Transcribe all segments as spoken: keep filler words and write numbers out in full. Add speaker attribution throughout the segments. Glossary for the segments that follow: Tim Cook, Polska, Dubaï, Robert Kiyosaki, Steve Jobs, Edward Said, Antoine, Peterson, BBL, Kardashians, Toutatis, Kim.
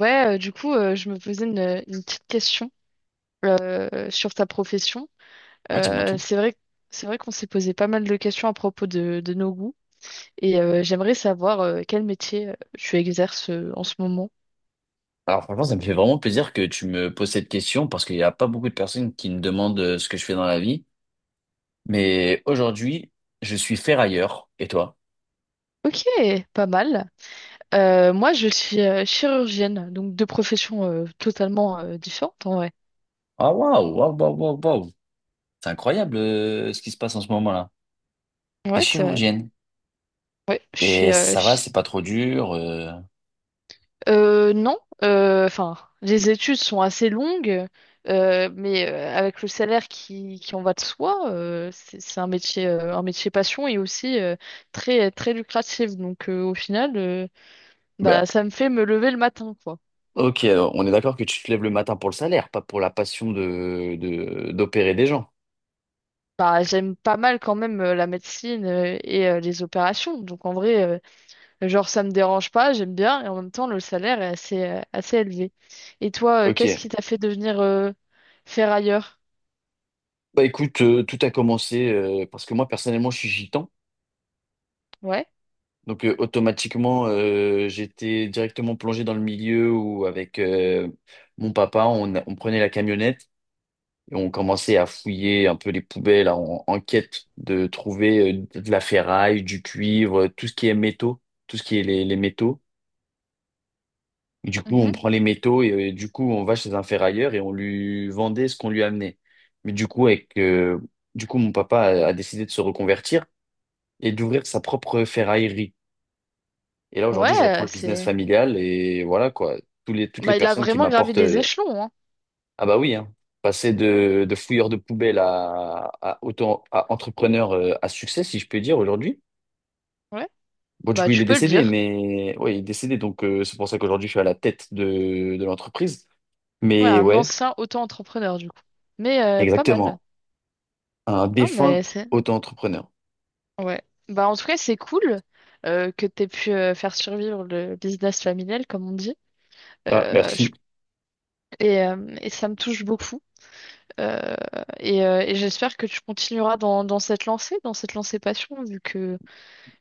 Speaker 1: Ouais, euh, du coup, euh, je me posais une, une petite question euh, sur ta profession.
Speaker 2: Ouais, dis-moi
Speaker 1: Euh,
Speaker 2: tout.
Speaker 1: c'est vrai, c'est vrai qu'on s'est posé pas mal de questions à propos de, de nos goûts et euh, j'aimerais savoir euh, quel métier euh, tu exerces euh, en ce moment.
Speaker 2: Alors franchement, ça me fait vraiment plaisir que tu me poses cette question parce qu'il n'y a pas beaucoup de personnes qui me demandent euh, ce que je fais dans la vie. Mais aujourd'hui, je suis ferrailleur. Et toi?
Speaker 1: Ok, pas mal. Euh, moi, je suis euh, chirurgienne, donc deux professions euh, totalement euh, différentes en vrai.
Speaker 2: Ah waouh, waouh, waouh, waouh, waouh. C'est incroyable euh, ce qui se passe en ce moment-là. T'es
Speaker 1: Ouais, c'est vrai.
Speaker 2: chirurgienne.
Speaker 1: Ouais, je suis,
Speaker 2: Et
Speaker 1: euh,
Speaker 2: ça va, c'est pas trop dur. euh.
Speaker 1: Euh, non, euh, enfin, les études sont assez longues, euh, mais euh, avec le salaire qui, qui en va de soi, euh, c'est c'est un métier, euh, un métier passion et aussi euh, très, très lucratif. Donc euh, au final, euh,
Speaker 2: Bah,
Speaker 1: bah, ça me fait me lever le matin, quoi.
Speaker 2: ok, alors, on est d'accord que tu te lèves le matin pour le salaire, pas pour la passion de, de- d'opérer des gens.
Speaker 1: Bah, j'aime pas mal quand même euh, la médecine euh, et euh, les opérations. Donc en vrai, euh, genre ça me dérange pas, j'aime bien et en même temps le salaire est assez, euh, assez élevé. Et toi, euh, qu'est-ce qui
Speaker 2: Ok.
Speaker 1: t'a fait devenir euh, ferrailleur?
Speaker 2: Bah écoute, euh, tout a commencé euh, parce que moi personnellement, je suis gitan.
Speaker 1: Ouais.
Speaker 2: Donc euh, automatiquement, euh, j'étais directement plongé dans le milieu où avec euh, mon papa, on, on prenait la camionnette et on commençait à fouiller un peu les poubelles en, en quête de trouver euh, de la ferraille, du cuivre, tout ce qui est métaux, tout ce qui est les, les métaux. Et du coup, on prend les métaux et euh, du coup, on va chez un ferrailleur et on lui vendait ce qu'on lui amenait. Mais du coup, avec, euh, du coup, mon papa a a décidé de se reconvertir et d'ouvrir sa propre ferraillerie. Et là, aujourd'hui, je reprends
Speaker 1: Ouais,
Speaker 2: le business
Speaker 1: c'est.
Speaker 2: familial et voilà quoi. Tous les, toutes les
Speaker 1: Bah, il a
Speaker 2: personnes qui
Speaker 1: vraiment gravé
Speaker 2: m'apportent.
Speaker 1: des
Speaker 2: euh,
Speaker 1: échelons, hein.
Speaker 2: Ah bah oui, hein. Passer de, de fouilleur de poubelle à, à, auto, à entrepreneur euh, à succès, si je peux dire, aujourd'hui.
Speaker 1: Ouais.
Speaker 2: Bon, du
Speaker 1: Bah,
Speaker 2: coup, il est
Speaker 1: tu peux le
Speaker 2: décédé,
Speaker 1: dire.
Speaker 2: mais oui il est décédé, donc euh, c'est pour ça qu'aujourd'hui, je suis à la tête de, de l'entreprise.
Speaker 1: Ouais,
Speaker 2: Mais
Speaker 1: un
Speaker 2: ouais,
Speaker 1: ancien auto-entrepreneur, du coup. Mais euh, pas mal, là.
Speaker 2: exactement. Un
Speaker 1: Non,
Speaker 2: défunt
Speaker 1: mais c'est.
Speaker 2: auto-entrepreneur.
Speaker 1: Ouais. Bah, en tout cas, c'est cool euh, que t'aies pu euh, faire survivre le business familial, comme on dit.
Speaker 2: Ah,
Speaker 1: Euh, je-
Speaker 2: merci.
Speaker 1: et, euh, et ça me touche beaucoup. Euh, et euh, et j'espère que tu continueras dans, dans cette lancée, dans cette lancée passion, vu que,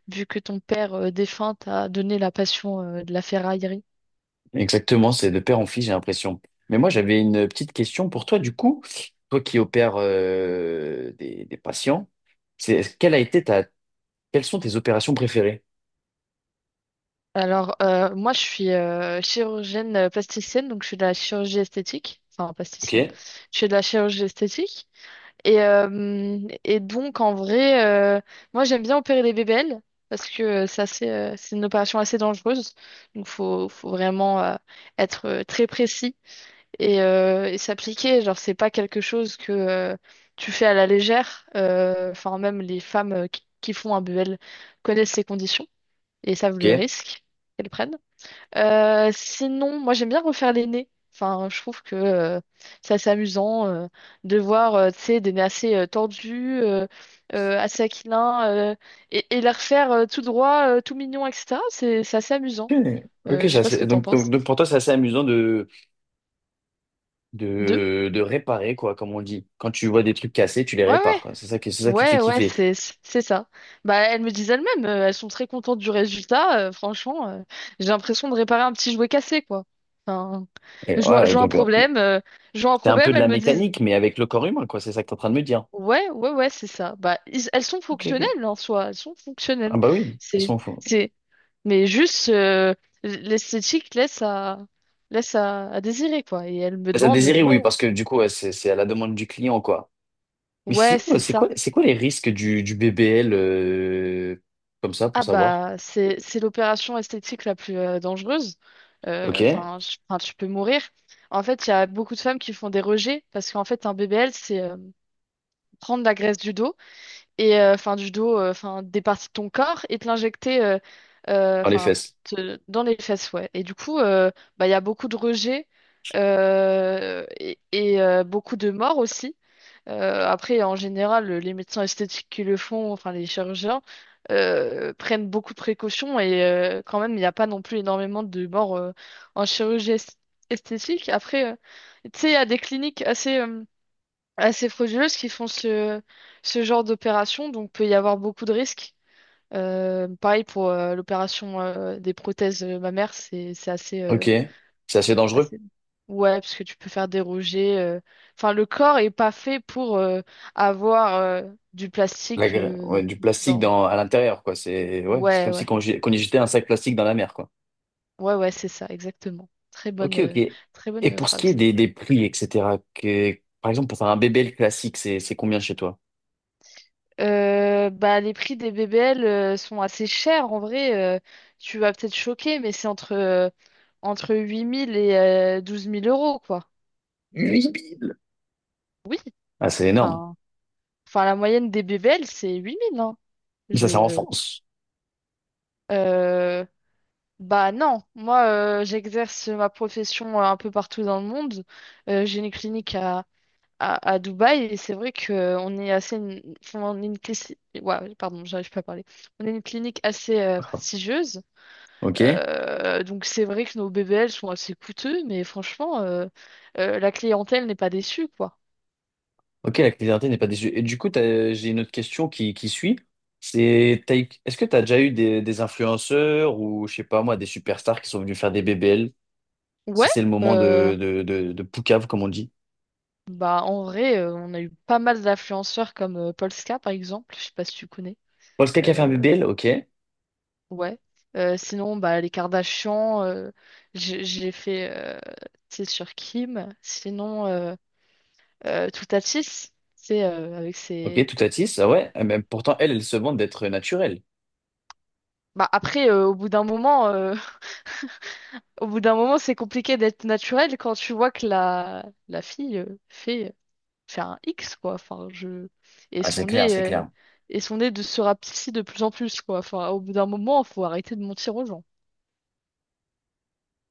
Speaker 1: vu que ton père euh, défunt t'a donné la passion euh, de la ferraille.
Speaker 2: Exactement, c'est de père en fils, j'ai l'impression. Mais moi, j'avais une petite question pour toi, du coup. Toi qui opères euh, des, des patients, c'est, quelle a été ta, quelles sont tes opérations préférées?
Speaker 1: Alors, euh, moi, je suis euh, chirurgienne euh, plasticienne, donc je suis de la chirurgie esthétique. Enfin,
Speaker 2: Ok,
Speaker 1: plasticienne. Je suis de la chirurgie esthétique. Et, euh, et donc, en vrai, euh, moi, j'aime bien opérer des bébelles parce que euh, c'est assez, euh, c'est une opération assez dangereuse. Donc, faut, faut vraiment euh, être euh, très précis et, euh, et s'appliquer. Genre, c'est pas quelque chose que euh, tu fais à la légère. Euh, Enfin, même les femmes euh, qui, qui font un B B L connaissent ces conditions et savent le
Speaker 2: ok.
Speaker 1: risque qu'elles prennent. Euh, sinon, moi j'aime bien refaire les nez. Enfin, je trouve que euh, c'est assez amusant euh, de voir, euh, tu sais, des nez assez euh, tordus, euh, euh, assez aquilins, euh, et, et les refaire euh, tout droit, euh, tout mignon, et cetera. C'est c'est assez amusant.
Speaker 2: Ok,
Speaker 1: Euh,
Speaker 2: ok,
Speaker 1: je sais
Speaker 2: ça,
Speaker 1: pas ce
Speaker 2: c'est-
Speaker 1: que t'en
Speaker 2: donc, donc,
Speaker 1: penses.
Speaker 2: donc pour toi, c'est assez amusant de,
Speaker 1: Deux?
Speaker 2: de, de réparer, quoi, comme on dit. Quand tu vois des trucs cassés, tu les
Speaker 1: Ouais,
Speaker 2: répares,
Speaker 1: ouais.
Speaker 2: quoi. C'est ça qui, c'est ça qui te fait
Speaker 1: Ouais, ouais,
Speaker 2: kiffer.
Speaker 1: c'est c'est ça. Bah, elles me disent elles-mêmes, euh, elles sont très contentes du résultat. Euh, franchement, euh, j'ai l'impression de réparer un petit jouet cassé, quoi. Enfin,
Speaker 2: Et
Speaker 1: je vois, je
Speaker 2: ouais,
Speaker 1: vois un
Speaker 2: donc, euh,
Speaker 1: problème, euh, je vois un
Speaker 2: c'est un peu
Speaker 1: problème,
Speaker 2: de la
Speaker 1: elles me disent.
Speaker 2: mécanique, mais avec le corps humain, quoi. C'est ça que tu es en train de me dire.
Speaker 1: Ouais, ouais, ouais, c'est ça. Bah, ils- elles sont
Speaker 2: Ok, ok.
Speaker 1: fonctionnelles en soi, elles sont
Speaker 2: Ah
Speaker 1: fonctionnelles.
Speaker 2: bah oui, de toute
Speaker 1: C'est,
Speaker 2: façon, faut-
Speaker 1: c'est, mais juste euh, l'esthétique laisse à, laisse à, à désirer quoi. Et elle me
Speaker 2: Ça
Speaker 1: demande, euh,
Speaker 2: désirait,
Speaker 1: ouais,
Speaker 2: oui, parce que du coup, ouais, c'est c'est à la demande du client, quoi. Mais
Speaker 1: ouais,
Speaker 2: sinon, euh,
Speaker 1: c'est
Speaker 2: c'est
Speaker 1: ça.
Speaker 2: quoi, c'est quoi les risques du, du B B L euh, comme ça, pour
Speaker 1: Ah
Speaker 2: savoir?
Speaker 1: bah, c'est, c'est l'opération esthétique la plus euh, dangereuse. Euh,
Speaker 2: Ok.
Speaker 1: Enfin, je- enfin, tu peux mourir. En fait, il y a beaucoup de femmes qui font des rejets parce qu'en fait, un B B L, c'est euh, prendre la graisse du dos et euh, enfin du dos, euh, enfin des parties de ton corps et te l'injecter euh, euh,
Speaker 2: Dans les
Speaker 1: enfin
Speaker 2: fesses.
Speaker 1: te- dans les fesses, ouais. Et du coup, euh, bah il y a beaucoup de rejets euh, et, et, euh, beaucoup de morts aussi. Euh, après, en général, les médecins esthétiques qui le font, enfin les chirurgiens, euh, prennent beaucoup de précautions et euh, quand même, il n'y a pas non plus énormément de morts euh, en chirurgie est- esthétique. Après, euh, tu sais, il y a des cliniques assez euh, assez frauduleuses qui font ce, ce genre d'opération, donc peut y avoir beaucoup de risques. Euh, pareil pour euh, l'opération euh, des prothèses euh, mammaires, c'est c'est assez, euh,
Speaker 2: Ok. C'est assez dangereux.
Speaker 1: assez... Ouais, parce que tu peux faire déroger. euh, Enfin, le corps est pas fait pour euh, avoir euh, du
Speaker 2: La
Speaker 1: plastique
Speaker 2: gra-
Speaker 1: euh,
Speaker 2: ouais, du plastique
Speaker 1: dans...
Speaker 2: dans, à l'intérieur, quoi. C'est ouais, c'est
Speaker 1: Ouais,
Speaker 2: comme si
Speaker 1: ouais.
Speaker 2: qu'on jet- qu'on y jetait un sac plastique dans la mer, quoi.
Speaker 1: Ouais, ouais, c'est ça, exactement. Très bonne,
Speaker 2: Ok,
Speaker 1: euh,
Speaker 2: ok.
Speaker 1: très
Speaker 2: Et
Speaker 1: bonne
Speaker 2: pour ce qui est
Speaker 1: phrase.
Speaker 2: des, des prix, et cetera, que, par exemple, pour faire un B B L classique, c'est c'est combien chez toi?
Speaker 1: Euh, bah, les prix des B B L euh, sont assez chers en vrai. Euh, tu vas peut-être choquer, mais c'est entre, euh, entre huit mille et euh, douze mille euros, quoi.
Speaker 2: Huit mille.
Speaker 1: Oui,
Speaker 2: Ah, c'est énorme.
Speaker 1: enfin, enfin la moyenne des B B L, c'est huit mille, hein.
Speaker 2: Mais ça, c'est en
Speaker 1: Je...
Speaker 2: France.
Speaker 1: euh, bah non, moi euh, j'exerce ma profession euh, un peu partout dans le monde. Euh, j'ai une clinique à, à, à Dubaï et c'est vrai qu'on est assez... une- enfin, on est une... clissi- Ouais, pardon, j'arrive pas à parler. On est une clinique assez euh,
Speaker 2: Ah,
Speaker 1: prestigieuse.
Speaker 2: ok.
Speaker 1: Euh, donc c'est vrai que nos B B L sont assez coûteux, mais franchement, euh, euh, la clientèle n'est pas déçue, quoi.
Speaker 2: Ok, la clarté n'est pas déçue. Et du coup, t'as- j'ai une autre question qui, qui suit. C'est, t'as eu- est-ce que tu as déjà eu des, des influenceurs ou, je sais pas moi, des superstars qui sont venus faire des B B L, si
Speaker 1: Ouais,
Speaker 2: c'est le moment
Speaker 1: euh,
Speaker 2: de, de, de, de Poucave, comme on dit.
Speaker 1: bah en vrai, euh, on a eu pas mal d'influenceurs comme euh, Polska, par exemple, je sais pas si tu connais.
Speaker 2: Polska qui a fait un
Speaker 1: Euh,
Speaker 2: B B L, ok.
Speaker 1: ouais. Euh, sinon, bah les Kardashians, euh, j'ai j'ai fait, euh, c'est sur Kim. Sinon, euh, euh, Toutatis, c'est euh, avec
Speaker 2: Ok,
Speaker 1: ses...
Speaker 2: tout à tisse, ah ouais. Ah, mais pourtant, elle, elle se vante d'être naturelle.
Speaker 1: Bah après, euh, au bout d'un moment... euh, Au bout d'un moment, c'est compliqué d'être naturel quand tu vois que la, la fille euh, fait, fait un X, quoi. Enfin, je... Et
Speaker 2: Ah, c'est
Speaker 1: son
Speaker 2: clair,
Speaker 1: nez,
Speaker 2: c'est
Speaker 1: euh,
Speaker 2: clair.
Speaker 1: et son nez de se rapetisser de plus en plus, quoi. Enfin, au bout d'un moment, faut arrêter de mentir aux gens.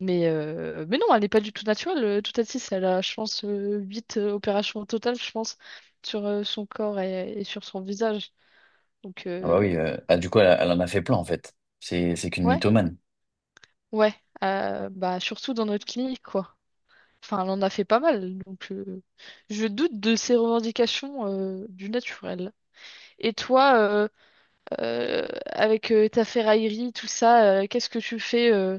Speaker 1: Mais, euh, mais non, elle n'est pas du tout naturelle, euh, toute six. Elle a, je pense, euh, huit euh, opérations au total, je pense, sur euh, son corps et, et sur son visage. Donc,
Speaker 2: Ah bah
Speaker 1: euh,
Speaker 2: oui, euh, ah, du coup, elle, elle en a fait plein, en fait. C'est, c'est qu'une
Speaker 1: ouais,
Speaker 2: mythomane.
Speaker 1: ouais. Euh, bah, surtout dans notre clinique, quoi. Enfin, elle en a fait pas mal, donc euh, je doute de ses revendications euh, du naturel. Et toi, euh, euh, avec euh, ta ferraillerie, tout ça, euh, qu'est-ce que tu fais euh,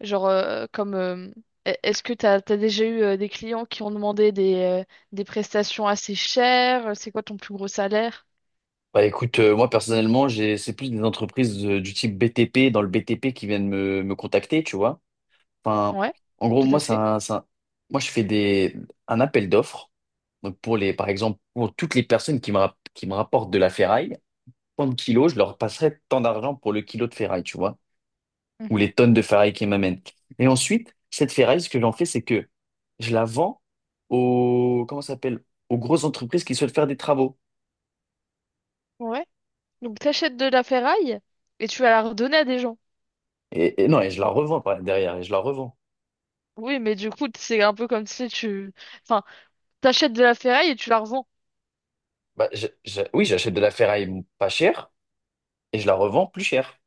Speaker 1: genre euh, comme euh, e- est-ce que t'as t'as déjà eu euh, des clients qui ont demandé des, euh, des prestations assez chères? C'est quoi ton plus gros salaire?
Speaker 2: Bah écoute, euh, moi personnellement, j'ai, c'est plus des entreprises euh, du type B T P, dans le B T P qui viennent me, me contacter, tu vois. Enfin,
Speaker 1: Ouais,
Speaker 2: en gros,
Speaker 1: tout à
Speaker 2: moi,
Speaker 1: fait.
Speaker 2: ça, ça, moi, je fais des, un appel d'offres. Donc, pour les, par exemple, pour toutes les personnes qui me, rap- qui me rapportent de la ferraille, tant de kilos, je leur passerai tant d'argent pour le kilo de ferraille, tu vois, ou
Speaker 1: Mhm.
Speaker 2: les tonnes de ferraille qu'ils m'amènent. Et ensuite, cette ferraille, ce que j'en fais, c'est que je la vends aux, comment ça s'appelle, aux grosses entreprises qui souhaitent faire des travaux.
Speaker 1: Ouais. Donc t'achètes de la ferraille et tu vas la redonner à des gens.
Speaker 2: Et, et non, et je la revends par- derrière, et je la revends.
Speaker 1: Oui, mais du coup, c'est un peu comme si tu... Enfin, t'achètes de la ferraille et tu la revends.
Speaker 2: Bah, je- je- oui, j'achète de la ferraille pas chère et je la revends plus chère.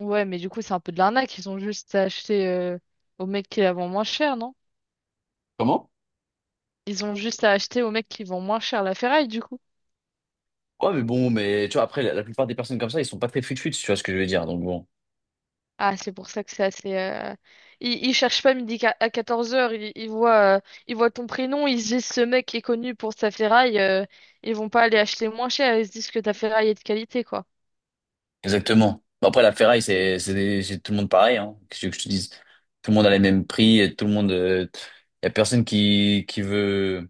Speaker 1: Ouais, mais du coup, c'est un peu de l'arnaque. Ils ont juste à acheter euh, au mec qui la vend moins cher, non?
Speaker 2: Comment?
Speaker 1: Ils ont juste à acheter au mec qui vend moins cher la ferraille, du coup.
Speaker 2: Ouais, mais bon, mais tu vois, après, la, la plupart des personnes comme ça, ils sont pas très fut-fut, si tu vois ce que je veux dire. Donc bon,
Speaker 1: Ah, c'est pour ça que c'est assez. euh, Ils, ils cherchent pas midi qua- à quatorze heures, ils, ils voient, euh, ils voient ton prénom, ils se disent ce mec est connu pour sa ferraille, euh, ils vont pas aller acheter moins cher, ils se disent que ta ferraille est de qualité, quoi.
Speaker 2: exactement. Bon, après, la ferraille, c'est c'est des- c'est tout le monde pareil, hein. Qu'est-ce que tu veux que je te dise? Tout le monde a les mêmes prix, et tout le monde. Il y a personne qui, qui veut,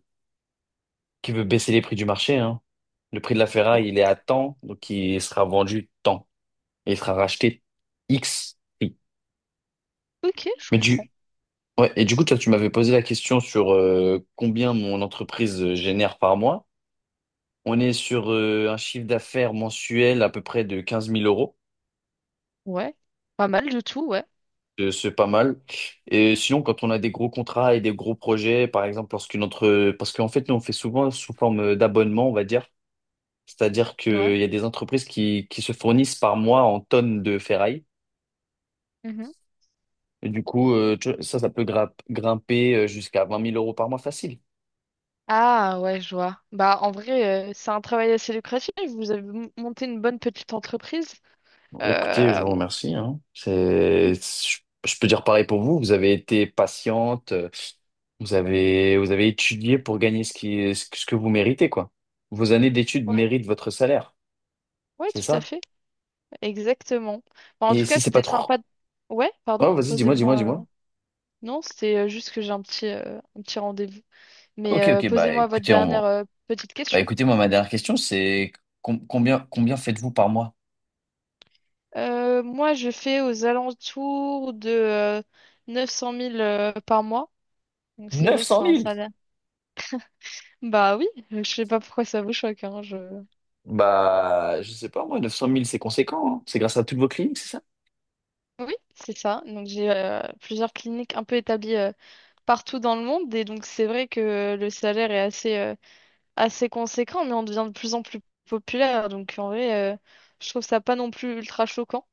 Speaker 2: qui veut baisser les prix du marché, hein. Le prix de la
Speaker 1: Bon.
Speaker 2: ferraille, il est à tant donc il sera vendu tant. Et il sera racheté X prix.
Speaker 1: Ok, je
Speaker 2: Mais
Speaker 1: comprends.
Speaker 2: du. Ouais, et du coup, toi, tu m'avais posé la question sur euh, combien mon entreprise euh, génère par mois. On est sur euh, un chiffre d'affaires mensuel à peu près de quinze mille euros.
Speaker 1: Ouais. Pas mal du tout, ouais.
Speaker 2: Euh, C'est pas mal. Et sinon, quand on a des gros contrats et des gros projets, par exemple, lorsqu'une entre... parce qu'en fait, nous, on fait souvent sous forme d'abonnement, on va dire. C'est-à-dire
Speaker 1: Ouais.
Speaker 2: qu'il y a des entreprises qui, qui se fournissent par mois en tonnes de ferraille. Et du coup, euh, tu vois, ça, ça peut grimp- grimper euh, jusqu'à vingt mille euros par mois facile.
Speaker 1: Ah ouais, je vois. Bah en vrai, euh, c'est un travail assez lucratif. Vous avez m- monté une bonne petite entreprise.
Speaker 2: Écoutez, je
Speaker 1: Euh,
Speaker 2: vous remercie, hein. C'est, je, je peux dire pareil pour vous. Vous avez été patiente, euh, vous avez, vous avez étudié pour gagner ce qui, ce, que ce que vous méritez, quoi. Vos années d'études
Speaker 1: ouais,
Speaker 2: méritent votre salaire,
Speaker 1: ouais,
Speaker 2: c'est
Speaker 1: tout à
Speaker 2: ça?
Speaker 1: fait. Exactement. Bah, en
Speaker 2: Et
Speaker 1: tout cas,
Speaker 2: si c'est pas
Speaker 1: c'était
Speaker 2: trop...
Speaker 1: sympa. de- Ouais, pardon.
Speaker 2: Oh, vas-y, dis-moi, dis-moi,
Speaker 1: Posez-moi.
Speaker 2: dis-moi.
Speaker 1: Non, c'était euh, juste que j'ai un petit, euh, un petit rendez-vous. Mais
Speaker 2: Ok,
Speaker 1: euh,
Speaker 2: ok, bah
Speaker 1: posez-moi votre
Speaker 2: écoutez,
Speaker 1: dernière
Speaker 2: on...
Speaker 1: euh, petite
Speaker 2: bah,
Speaker 1: question.
Speaker 2: écoutez, moi, ma dernière question, c'est com- combien, combien faites-vous par mois?
Speaker 1: Euh, moi, je fais aux alentours de euh, neuf cent mille euh, par mois. Donc c'est
Speaker 2: Neuf
Speaker 1: vrai que
Speaker 2: cent
Speaker 1: c'est un
Speaker 2: mille.
Speaker 1: salaire. Bah oui, je sais pas pourquoi ça vous choque, hein, je...
Speaker 2: Bah, je sais pas, moi, Neuf cent mille, c'est conséquent, hein. C'est grâce à toutes vos cliniques, c'est ça?
Speaker 1: Oui, c'est ça. Donc j'ai euh, plusieurs cliniques un peu établies euh, partout dans le monde et donc c'est vrai que le salaire est assez euh, assez conséquent, mais on devient de plus en plus populaire. Donc en vrai, euh, je trouve ça pas non plus ultra choquant.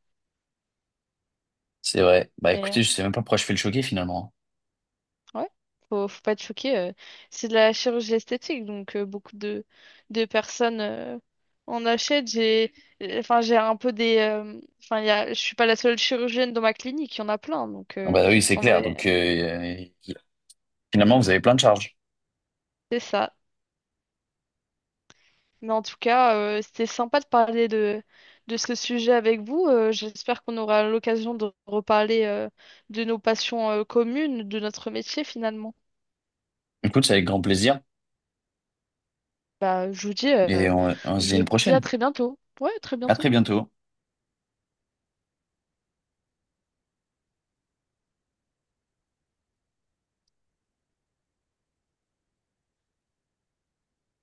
Speaker 2: C'est vrai. Bah
Speaker 1: Mais
Speaker 2: écoutez, je sais même pas pourquoi je fais le choquer finalement.
Speaker 1: euh, ouais, faut, faut pas être choqué. euh. C'est de la chirurgie esthétique, donc euh, beaucoup de de personnes euh, en achètent. J'ai euh, enfin j'ai un peu des euh, enfin il y a je suis pas la seule chirurgienne dans ma clinique, il y en a plein. Donc
Speaker 2: Ah
Speaker 1: euh,
Speaker 2: bah oui, c'est
Speaker 1: en
Speaker 2: clair.
Speaker 1: vrai,
Speaker 2: Donc, euh, finalement, vous avez plein de charges.
Speaker 1: c'est ça. Mais en tout cas, euh, c'était sympa de parler de, de ce sujet avec vous. Euh, j'espère qu'on aura l'occasion de reparler euh, de nos passions euh, communes, de notre métier finalement.
Speaker 2: Écoute, c'est avec grand plaisir
Speaker 1: Bah, je vous dis,
Speaker 2: et
Speaker 1: euh,
Speaker 2: on on se dit
Speaker 1: je
Speaker 2: à
Speaker 1: vous
Speaker 2: une
Speaker 1: dis à
Speaker 2: prochaine.
Speaker 1: très bientôt. Ouais, à très
Speaker 2: À
Speaker 1: bientôt.
Speaker 2: très bientôt.